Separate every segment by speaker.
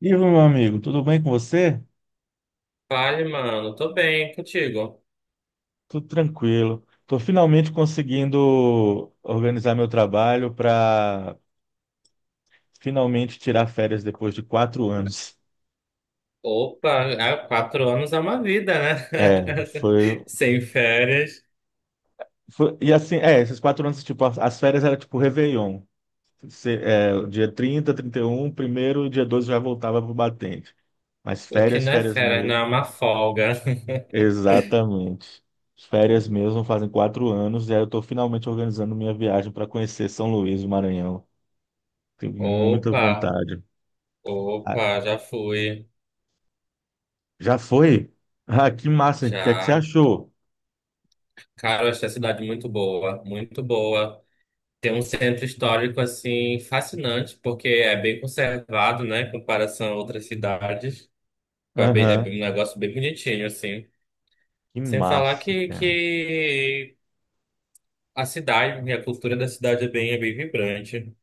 Speaker 1: Ivo, meu amigo, tudo bem com você?
Speaker 2: Vale, mano. Tô bem contigo.
Speaker 1: Tudo tranquilo. Estou finalmente conseguindo organizar meu trabalho para finalmente tirar férias depois de 4 anos.
Speaker 2: Opa, há 4 anos é uma vida, né?
Speaker 1: É, foi,
Speaker 2: Sem férias.
Speaker 1: e assim, esses 4 anos, tipo, as férias eram tipo Réveillon. Você, o dia 30, 31, primeiro, e dia 12 já voltava pro batente. Mas
Speaker 2: O que
Speaker 1: férias,
Speaker 2: não é
Speaker 1: férias
Speaker 2: férias, não é
Speaker 1: mesmo.
Speaker 2: uma folga.
Speaker 1: Exatamente. Férias mesmo fazem 4 anos, e aí eu estou finalmente organizando minha viagem para conhecer São Luís, do Maranhão. Tenho muita
Speaker 2: Opa,
Speaker 1: vontade. Ah,
Speaker 2: opa, já fui.
Speaker 1: já foi? Ah, que massa. O que é que você
Speaker 2: Já.
Speaker 1: achou?
Speaker 2: Cara, eu achei a cidade muito boa, muito boa. Tem um centro histórico, assim, fascinante, porque é bem conservado, né, em comparação a outras cidades.
Speaker 1: Aham.
Speaker 2: Um negócio bem bonitinho, assim.
Speaker 1: Que
Speaker 2: Sem falar
Speaker 1: massa,
Speaker 2: que,
Speaker 1: cara.
Speaker 2: que a cidade, e a cultura da cidade é bem vibrante.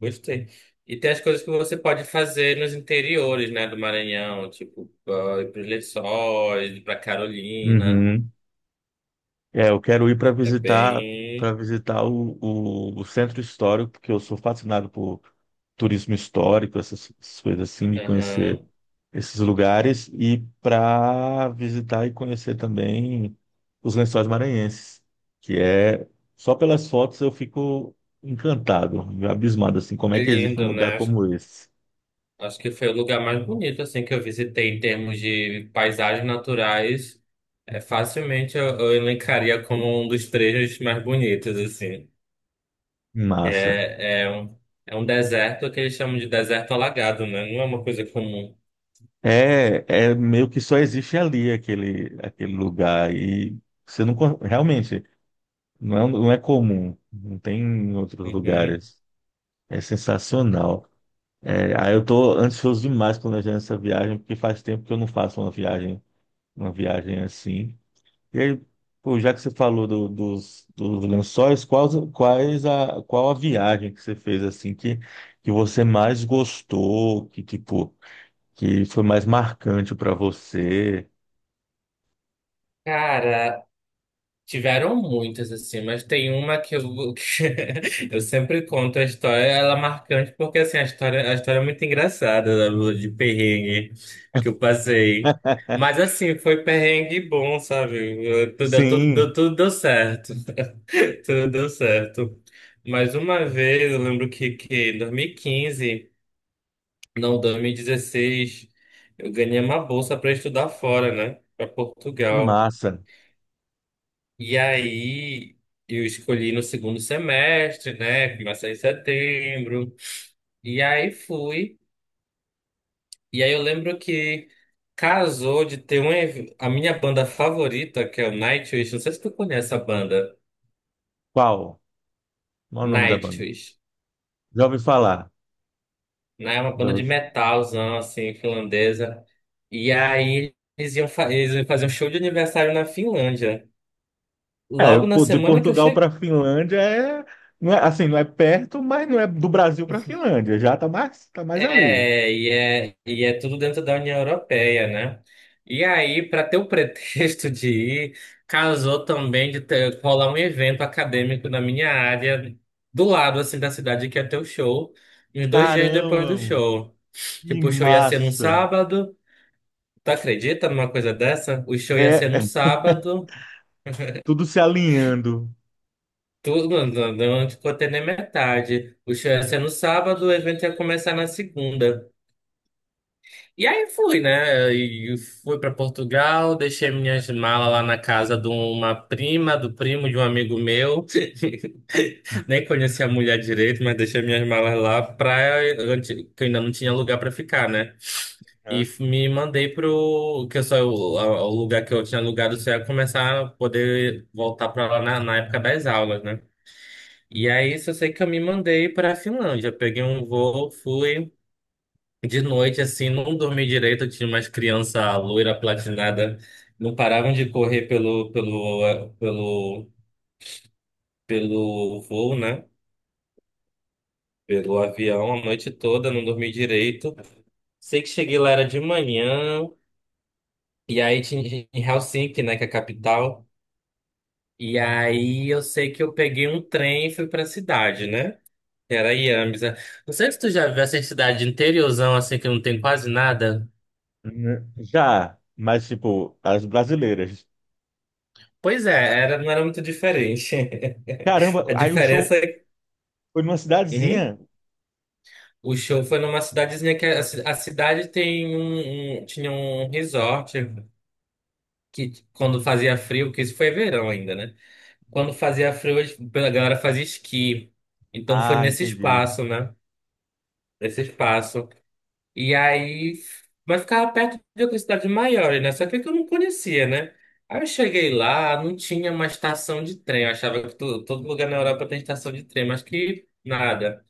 Speaker 2: Gostei. E tem as coisas que você pode fazer nos interiores, né, do Maranhão, tipo, ah, ir para os Lençóis, ir para Carolina.
Speaker 1: Uhum. É, eu quero ir para
Speaker 2: É
Speaker 1: visitar para
Speaker 2: bem.
Speaker 1: visitar o centro histórico, porque eu sou fascinado por turismo histórico, essas coisas assim, de conhecer
Speaker 2: Aham.
Speaker 1: esses lugares e para visitar e conhecer também os Lençóis Maranhenses, que é só pelas fotos eu fico encantado, abismado assim, como é
Speaker 2: É
Speaker 1: que existe um
Speaker 2: lindo,
Speaker 1: lugar
Speaker 2: né? Acho
Speaker 1: como esse?
Speaker 2: acho que foi o lugar mais bonito, assim, que eu visitei em termos de paisagens naturais. É, facilmente eu elencaria como um dos trechos mais bonitos, assim. Que
Speaker 1: Massa.
Speaker 2: é, é um, É um deserto que eles chamam de deserto alagado, né? Não é uma coisa comum.
Speaker 1: É meio que só existe ali aquele lugar e você realmente não é comum, não tem em outros
Speaker 2: Uhum.
Speaker 1: lugares. É sensacional. É, aí eu tô ansioso demais planejando essa viagem, porque faz tempo que eu não faço uma viagem assim. E aí, pô, já que você falou dos lençóis, qual a viagem que você fez assim que você mais gostou, que tipo, que foi mais marcante para você?
Speaker 2: Cara, tiveram muitas assim, mas tem uma que eu, que eu sempre conto a história, ela é marcante porque assim, a história é muito engraçada da lua de perrengue que eu passei. Mas assim, foi perrengue bom, sabe? Eu- Tudo, tudo,
Speaker 1: Sim,
Speaker 2: tudo deu certo. Tudo deu certo. Mas uma vez, eu lembro que em 2015. Não, 2016 eu ganhei uma bolsa para estudar fora, né? Para
Speaker 1: que
Speaker 2: Portugal.
Speaker 1: massa.
Speaker 2: E aí eu escolhi no segundo semestre, né? Começa em setembro. E aí fui. E aí eu lembro que casou de ter a minha banda favorita, que é o Nightwish. Não sei se tu conhece a banda.
Speaker 1: Qual? Qual é o nome da banda?
Speaker 2: Nightwish,
Speaker 1: Já ouvi falar.
Speaker 2: né? É uma
Speaker 1: Já
Speaker 2: banda de
Speaker 1: ouvi-
Speaker 2: metalzão assim, finlandesa. E aí eles iam fazer um show de aniversário na Finlândia.
Speaker 1: É,
Speaker 2: Logo na
Speaker 1: pô, de
Speaker 2: semana que eu
Speaker 1: Portugal
Speaker 2: cheguei.
Speaker 1: para Finlândia é, não é assim, não é perto, mas não é do Brasil para Finlândia, já tá mais ali.
Speaker 2: É, e é tudo dentro da União Europeia, né? E aí, para ter o pretexto de ir, casou também de ter, rolar um evento acadêmico na minha área, do lado, assim, da cidade que ia ter o show, uns 2 dias depois do
Speaker 1: Caramba,
Speaker 2: show.
Speaker 1: que
Speaker 2: Tipo, o show ia ser num
Speaker 1: massa!
Speaker 2: sábado. Tu acredita numa coisa dessa? O show ia
Speaker 1: É,
Speaker 2: ser no
Speaker 1: é
Speaker 2: sábado.
Speaker 1: tudo se alinhando,
Speaker 2: Tudo, não, não, não ficou até nem metade. O show ia ser no sábado, o evento ia começar na segunda. E aí fui, né? E fui para Portugal, deixei minhas malas lá na casa de uma prima, do primo de um amigo meu. Nem conhecia a mulher direito, mas deixei minhas malas lá pra antes- que eu ainda não tinha lugar para ficar, né?
Speaker 1: né?
Speaker 2: Me mandei pro que eu só o lugar que eu tinha alugado só ia começar a poder voltar para lá na época das aulas, né? E aí só sei que eu me mandei para a Finlândia, peguei um voo, fui de noite, assim, não dormi direito, eu tinha umas crianças loira platinada, não paravam de correr pelo voo, né? Pelo avião a noite toda, não dormi direito. Sei que cheguei lá era de manhã, e aí tinha em Helsinki, né, que é a capital. E aí eu sei que eu peguei um trem e fui pra cidade, né? Que era Jämsä. Não sei se tu já viu essa cidade interiorzão, assim, que não tem quase nada.
Speaker 1: Né? Já, mas tipo, as brasileiras.
Speaker 2: Pois é, era, não era muito diferente.
Speaker 1: Caramba,
Speaker 2: A
Speaker 1: aí o
Speaker 2: diferença
Speaker 1: show
Speaker 2: é.
Speaker 1: foi numa
Speaker 2: Uhum.
Speaker 1: cidadezinha.
Speaker 2: O show foi numa cidadezinha que a cidade tinha um resort que quando fazia frio, que isso foi verão ainda, né? Quando fazia frio, eles- a galera fazia esqui. Então foi
Speaker 1: Ah,
Speaker 2: nesse
Speaker 1: entendi.
Speaker 2: espaço, né? Nesse espaço. E aí, mas ficava perto de outra cidade maior, né? Só que é que eu não conhecia, né? Aí eu cheguei lá, não tinha uma estação de trem. Eu achava que todo lugar na Europa tem estação de trem, mas que nada.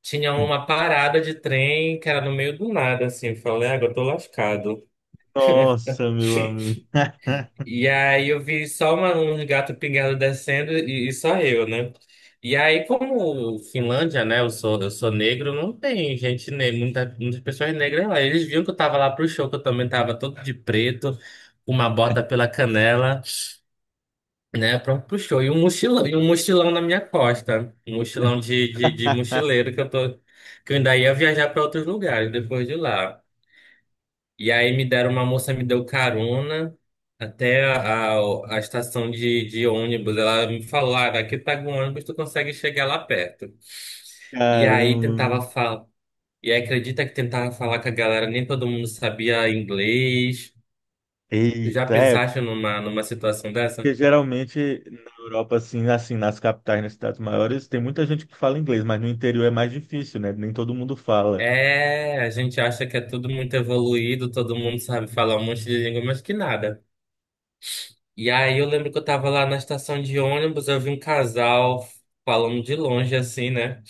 Speaker 2: Tinha uma parada de trem que era no meio do nada, assim. Eu falei, agora eu tô lascado.
Speaker 1: Nossa, meu amigo.
Speaker 2: E aí eu vi só uma, um gato pingado descendo e só eu, né? E aí, como Finlândia, né? Eu sou negro, não tem gente negra, muita, muitas pessoas negras lá. Eles viram que eu tava lá pro show, que eu também tava todo de preto, com uma bota pela canela, né? Pronto pro show. E um mochilão na minha costa. Um mochilão de mochileiro que eu tô, que eu ainda ia viajar para outros lugares depois de lá. E aí me deram, uma moça me deu carona até a estação de ônibus. Ela me falou, ah, aqui tá com ônibus, tu consegue chegar lá perto. E aí tentava
Speaker 1: Caramba.
Speaker 2: falar. E aí acredita que tentava falar com a galera, nem todo mundo sabia inglês. Tu já
Speaker 1: Eita,
Speaker 2: pensaste numa, numa situação dessa?
Speaker 1: porque geralmente na Europa, assim, nas capitais, nas cidades maiores, tem muita gente que fala inglês, mas no interior é mais difícil, né? Nem todo mundo fala.
Speaker 2: É, a gente acha que é tudo muito evoluído, todo mundo sabe falar um monte de língua, mas que nada. E aí eu lembro que eu tava lá na estação de ônibus, eu vi um casal falando de longe assim, né?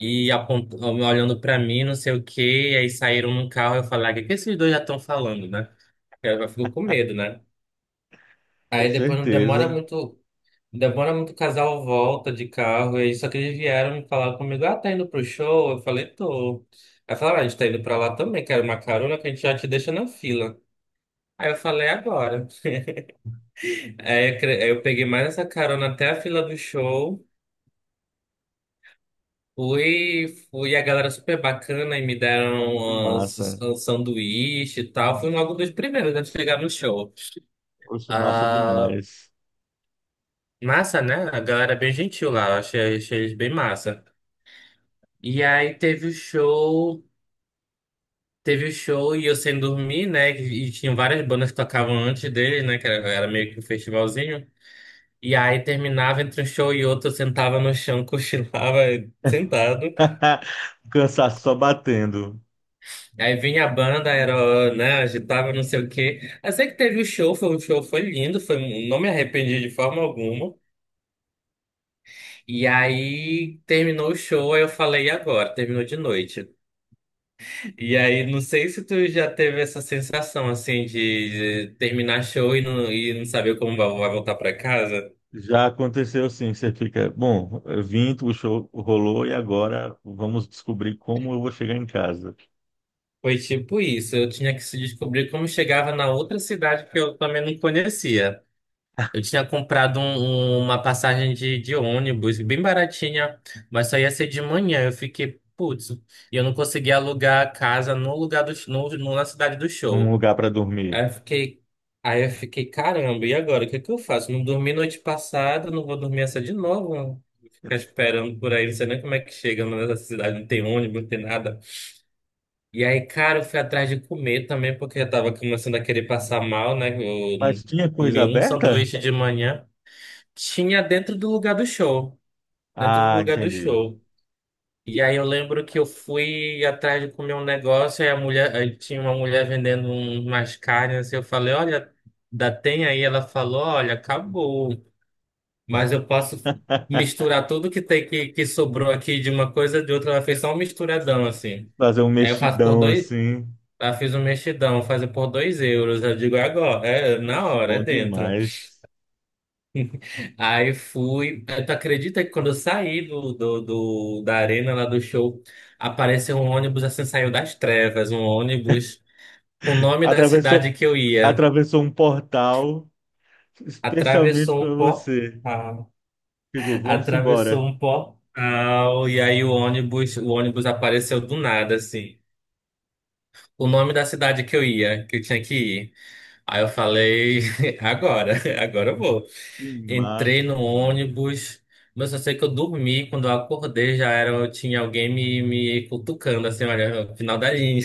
Speaker 2: E apontou, olhando pra mim, não sei o quê, e aí saíram num carro, eu falei, ah, o que que esses dois já estão falando, né? Eu fico com medo, né?
Speaker 1: Com
Speaker 2: Aí depois não demora
Speaker 1: certeza.
Speaker 2: muito, demora muito, o casal volta de carro, e aí só que eles vieram me falar comigo, ah, tá indo pro show? Eu falei, tô. Aí falaram, ah, a gente tá indo pra lá também, quero uma carona que a gente já te deixa na fila. Aí eu falei, "É agora." Aí eu peguei mais essa carona até a fila do show. Fui, fui, a galera super bacana e me
Speaker 1: Que
Speaker 2: deram uns,
Speaker 1: massa.
Speaker 2: um sanduíche e tal. Fui logo dos primeiros a chegar no show.
Speaker 1: Poxa, massa
Speaker 2: Ah,
Speaker 1: demais.
Speaker 2: massa, né? A galera é bem gentil lá, eu achei, achei eles bem massa. E aí teve o show, Teve o show e eu sem dormir, né? E tinha várias bandas que tocavam antes dele, né? Que era, era meio que um festivalzinho. E aí terminava entre um show e outro, eu sentava no chão, cochilava sentado.
Speaker 1: O cansaço só batendo.
Speaker 2: Aí vinha a banda, era, né, agitava, não sei o quê. Eu sei que teve o show, foi um show, foi lindo, foi, não me arrependi de forma alguma. E aí terminou o show, aí eu falei, e agora? Terminou de noite. E aí, não sei se tu já teve essa sensação, assim, de terminar show e não saber como vai voltar pra casa.
Speaker 1: Já aconteceu sim, você fica, bom, eu vim, o show rolou e agora vamos descobrir como eu vou chegar em casa,
Speaker 2: Foi tipo isso, eu tinha que se descobrir como chegava na outra cidade que eu também não conhecia. Eu tinha comprado uma passagem de ônibus, bem baratinha, mas só ia ser de manhã. Eu fiquei, putz, e eu não consegui alugar a casa no lugar do, na cidade do
Speaker 1: num
Speaker 2: show.
Speaker 1: lugar para
Speaker 2: Aí
Speaker 1: dormir.
Speaker 2: eu fiquei, aí eu fiquei, caramba, e agora? O que é que eu faço? Não dormi noite passada, não vou dormir essa de novo. Não. Ficar esperando por aí, não sei nem como é que chega nessa cidade, não tem ônibus, não tem nada. E aí, cara, eu fui atrás de comer também, porque eu tava começando a querer passar mal, né? Eu
Speaker 1: Mas
Speaker 2: não
Speaker 1: tinha coisa
Speaker 2: comi um
Speaker 1: aberta?
Speaker 2: sanduíche de manhã. Tinha dentro do lugar do show. Dentro do
Speaker 1: Ah,
Speaker 2: lugar do
Speaker 1: entendi.
Speaker 2: show. E aí eu lembro que eu fui atrás de comer um negócio, aí a mulher, aí tinha uma mulher vendendo umas carnes, assim, eu falei, olha, dá tem aí? Ela falou, olha, acabou. Mas eu posso misturar tudo que tem que sobrou aqui de uma coisa de outra. Ela fez só um misturadão, assim.
Speaker 1: Fazer um
Speaker 2: Aí eu faço por
Speaker 1: mexidão
Speaker 2: dois.
Speaker 1: assim.
Speaker 2: Ela fez um mexidão, fazer por 2 euros. Eu digo, é agora, é na
Speaker 1: Poxa,
Speaker 2: hora, é
Speaker 1: bom
Speaker 2: dentro.
Speaker 1: demais.
Speaker 2: Aí fui. Eh, tu acredita que quando eu saí da arena lá do show, apareceu um ônibus assim, saiu das trevas, um ônibus com o nome da
Speaker 1: Atravessou,
Speaker 2: cidade que eu ia.
Speaker 1: atravessou um portal especialmente
Speaker 2: Atravessou
Speaker 1: para
Speaker 2: um portal.
Speaker 1: você. Chegou, vamos embora.
Speaker 2: Atravessou um portal. E aí o ônibus apareceu do nada, assim. O nome da cidade que eu ia, que eu tinha que ir. Aí eu falei, agora, agora eu vou.
Speaker 1: Que
Speaker 2: Entrei
Speaker 1: massa.
Speaker 2: no ônibus, mas eu sei que eu dormi. Quando eu acordei, já era, eu tinha alguém me, me cutucando, assim, olha, final da linha.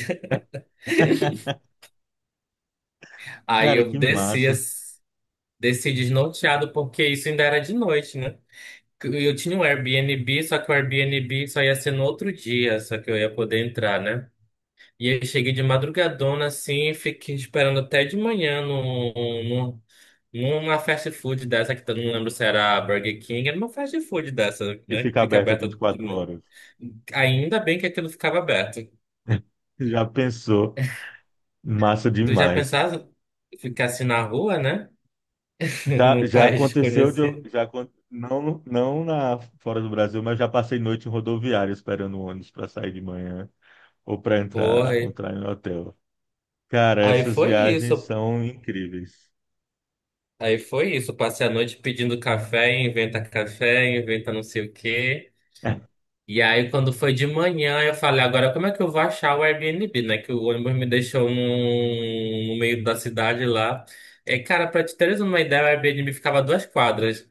Speaker 2: Aí
Speaker 1: Cara,
Speaker 2: eu
Speaker 1: que
Speaker 2: desci,
Speaker 1: massa.
Speaker 2: desci desnorteado, porque isso ainda era de noite, né? Eu tinha um Airbnb, só que o Airbnb só ia ser no outro dia, só que eu ia poder entrar, né? E aí eu cheguei de madrugadona, assim, e fiquei esperando até de manhã num, numa fast food dessa, que eu não lembro se era Burger King, era uma fast food dessa,
Speaker 1: E
Speaker 2: né? Que
Speaker 1: fica
Speaker 2: fica
Speaker 1: aberto a
Speaker 2: aberta, né?
Speaker 1: 24 horas.
Speaker 2: Ainda bem que aquilo ficava aberto.
Speaker 1: Já pensou? Massa
Speaker 2: Tu já
Speaker 1: demais.
Speaker 2: pensaste pensava ficasse na rua, né?
Speaker 1: Já,
Speaker 2: Num
Speaker 1: já
Speaker 2: país
Speaker 1: aconteceu de eu,
Speaker 2: desconhecido.
Speaker 1: já, acon- não, não na, fora do Brasil, mas já passei noite em rodoviária esperando o ônibus para sair de manhã ou para
Speaker 2: Porra.
Speaker 1: entrar, entrar em hotel. Cara,
Speaker 2: Aí
Speaker 1: essas
Speaker 2: foi
Speaker 1: viagens
Speaker 2: isso.
Speaker 1: são incríveis.
Speaker 2: Aí foi isso. Passei a noite pedindo café, inventa não sei o quê. E aí, quando foi de manhã, eu falei, agora como é que eu vou achar o Airbnb, né? Que o ônibus me deixou no meio da cidade lá. É, cara, pra te teres uma ideia, o Airbnb ficava a 2 quadras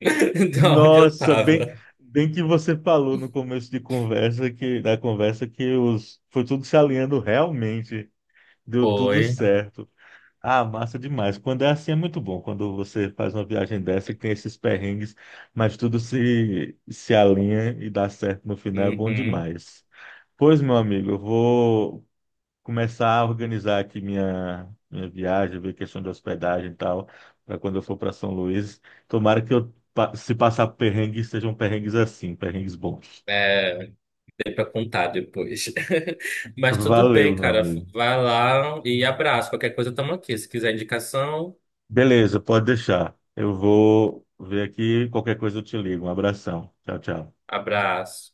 Speaker 2: de onde eu
Speaker 1: Nossa, bem,
Speaker 2: tava.
Speaker 1: bem que você falou no começo de conversa que da conversa que os foi tudo se alinhando realmente, deu tudo
Speaker 2: Foi.
Speaker 1: certo. Ah, massa demais. Quando é assim é muito bom. Quando você faz uma viagem dessa que tem esses perrengues, mas tudo se alinha e dá certo no final, é bom
Speaker 2: Uhum.
Speaker 1: demais. Pois, meu amigo, eu vou começar a organizar aqui minha viagem, ver questão de hospedagem e tal, para quando eu for para São Luís. Tomara que eu, se passar perrengue, sejam perrengues assim, perrengues bons.
Speaker 2: É. Para contar depois. Mas tudo bem,
Speaker 1: Valeu, meu
Speaker 2: cara.
Speaker 1: amigo.
Speaker 2: Vai lá e abraço. Qualquer coisa, tamo aqui. Se quiser indicação,
Speaker 1: Beleza, pode deixar. Eu vou ver aqui, qualquer coisa eu te ligo. Um abração. Tchau, tchau.
Speaker 2: abraço.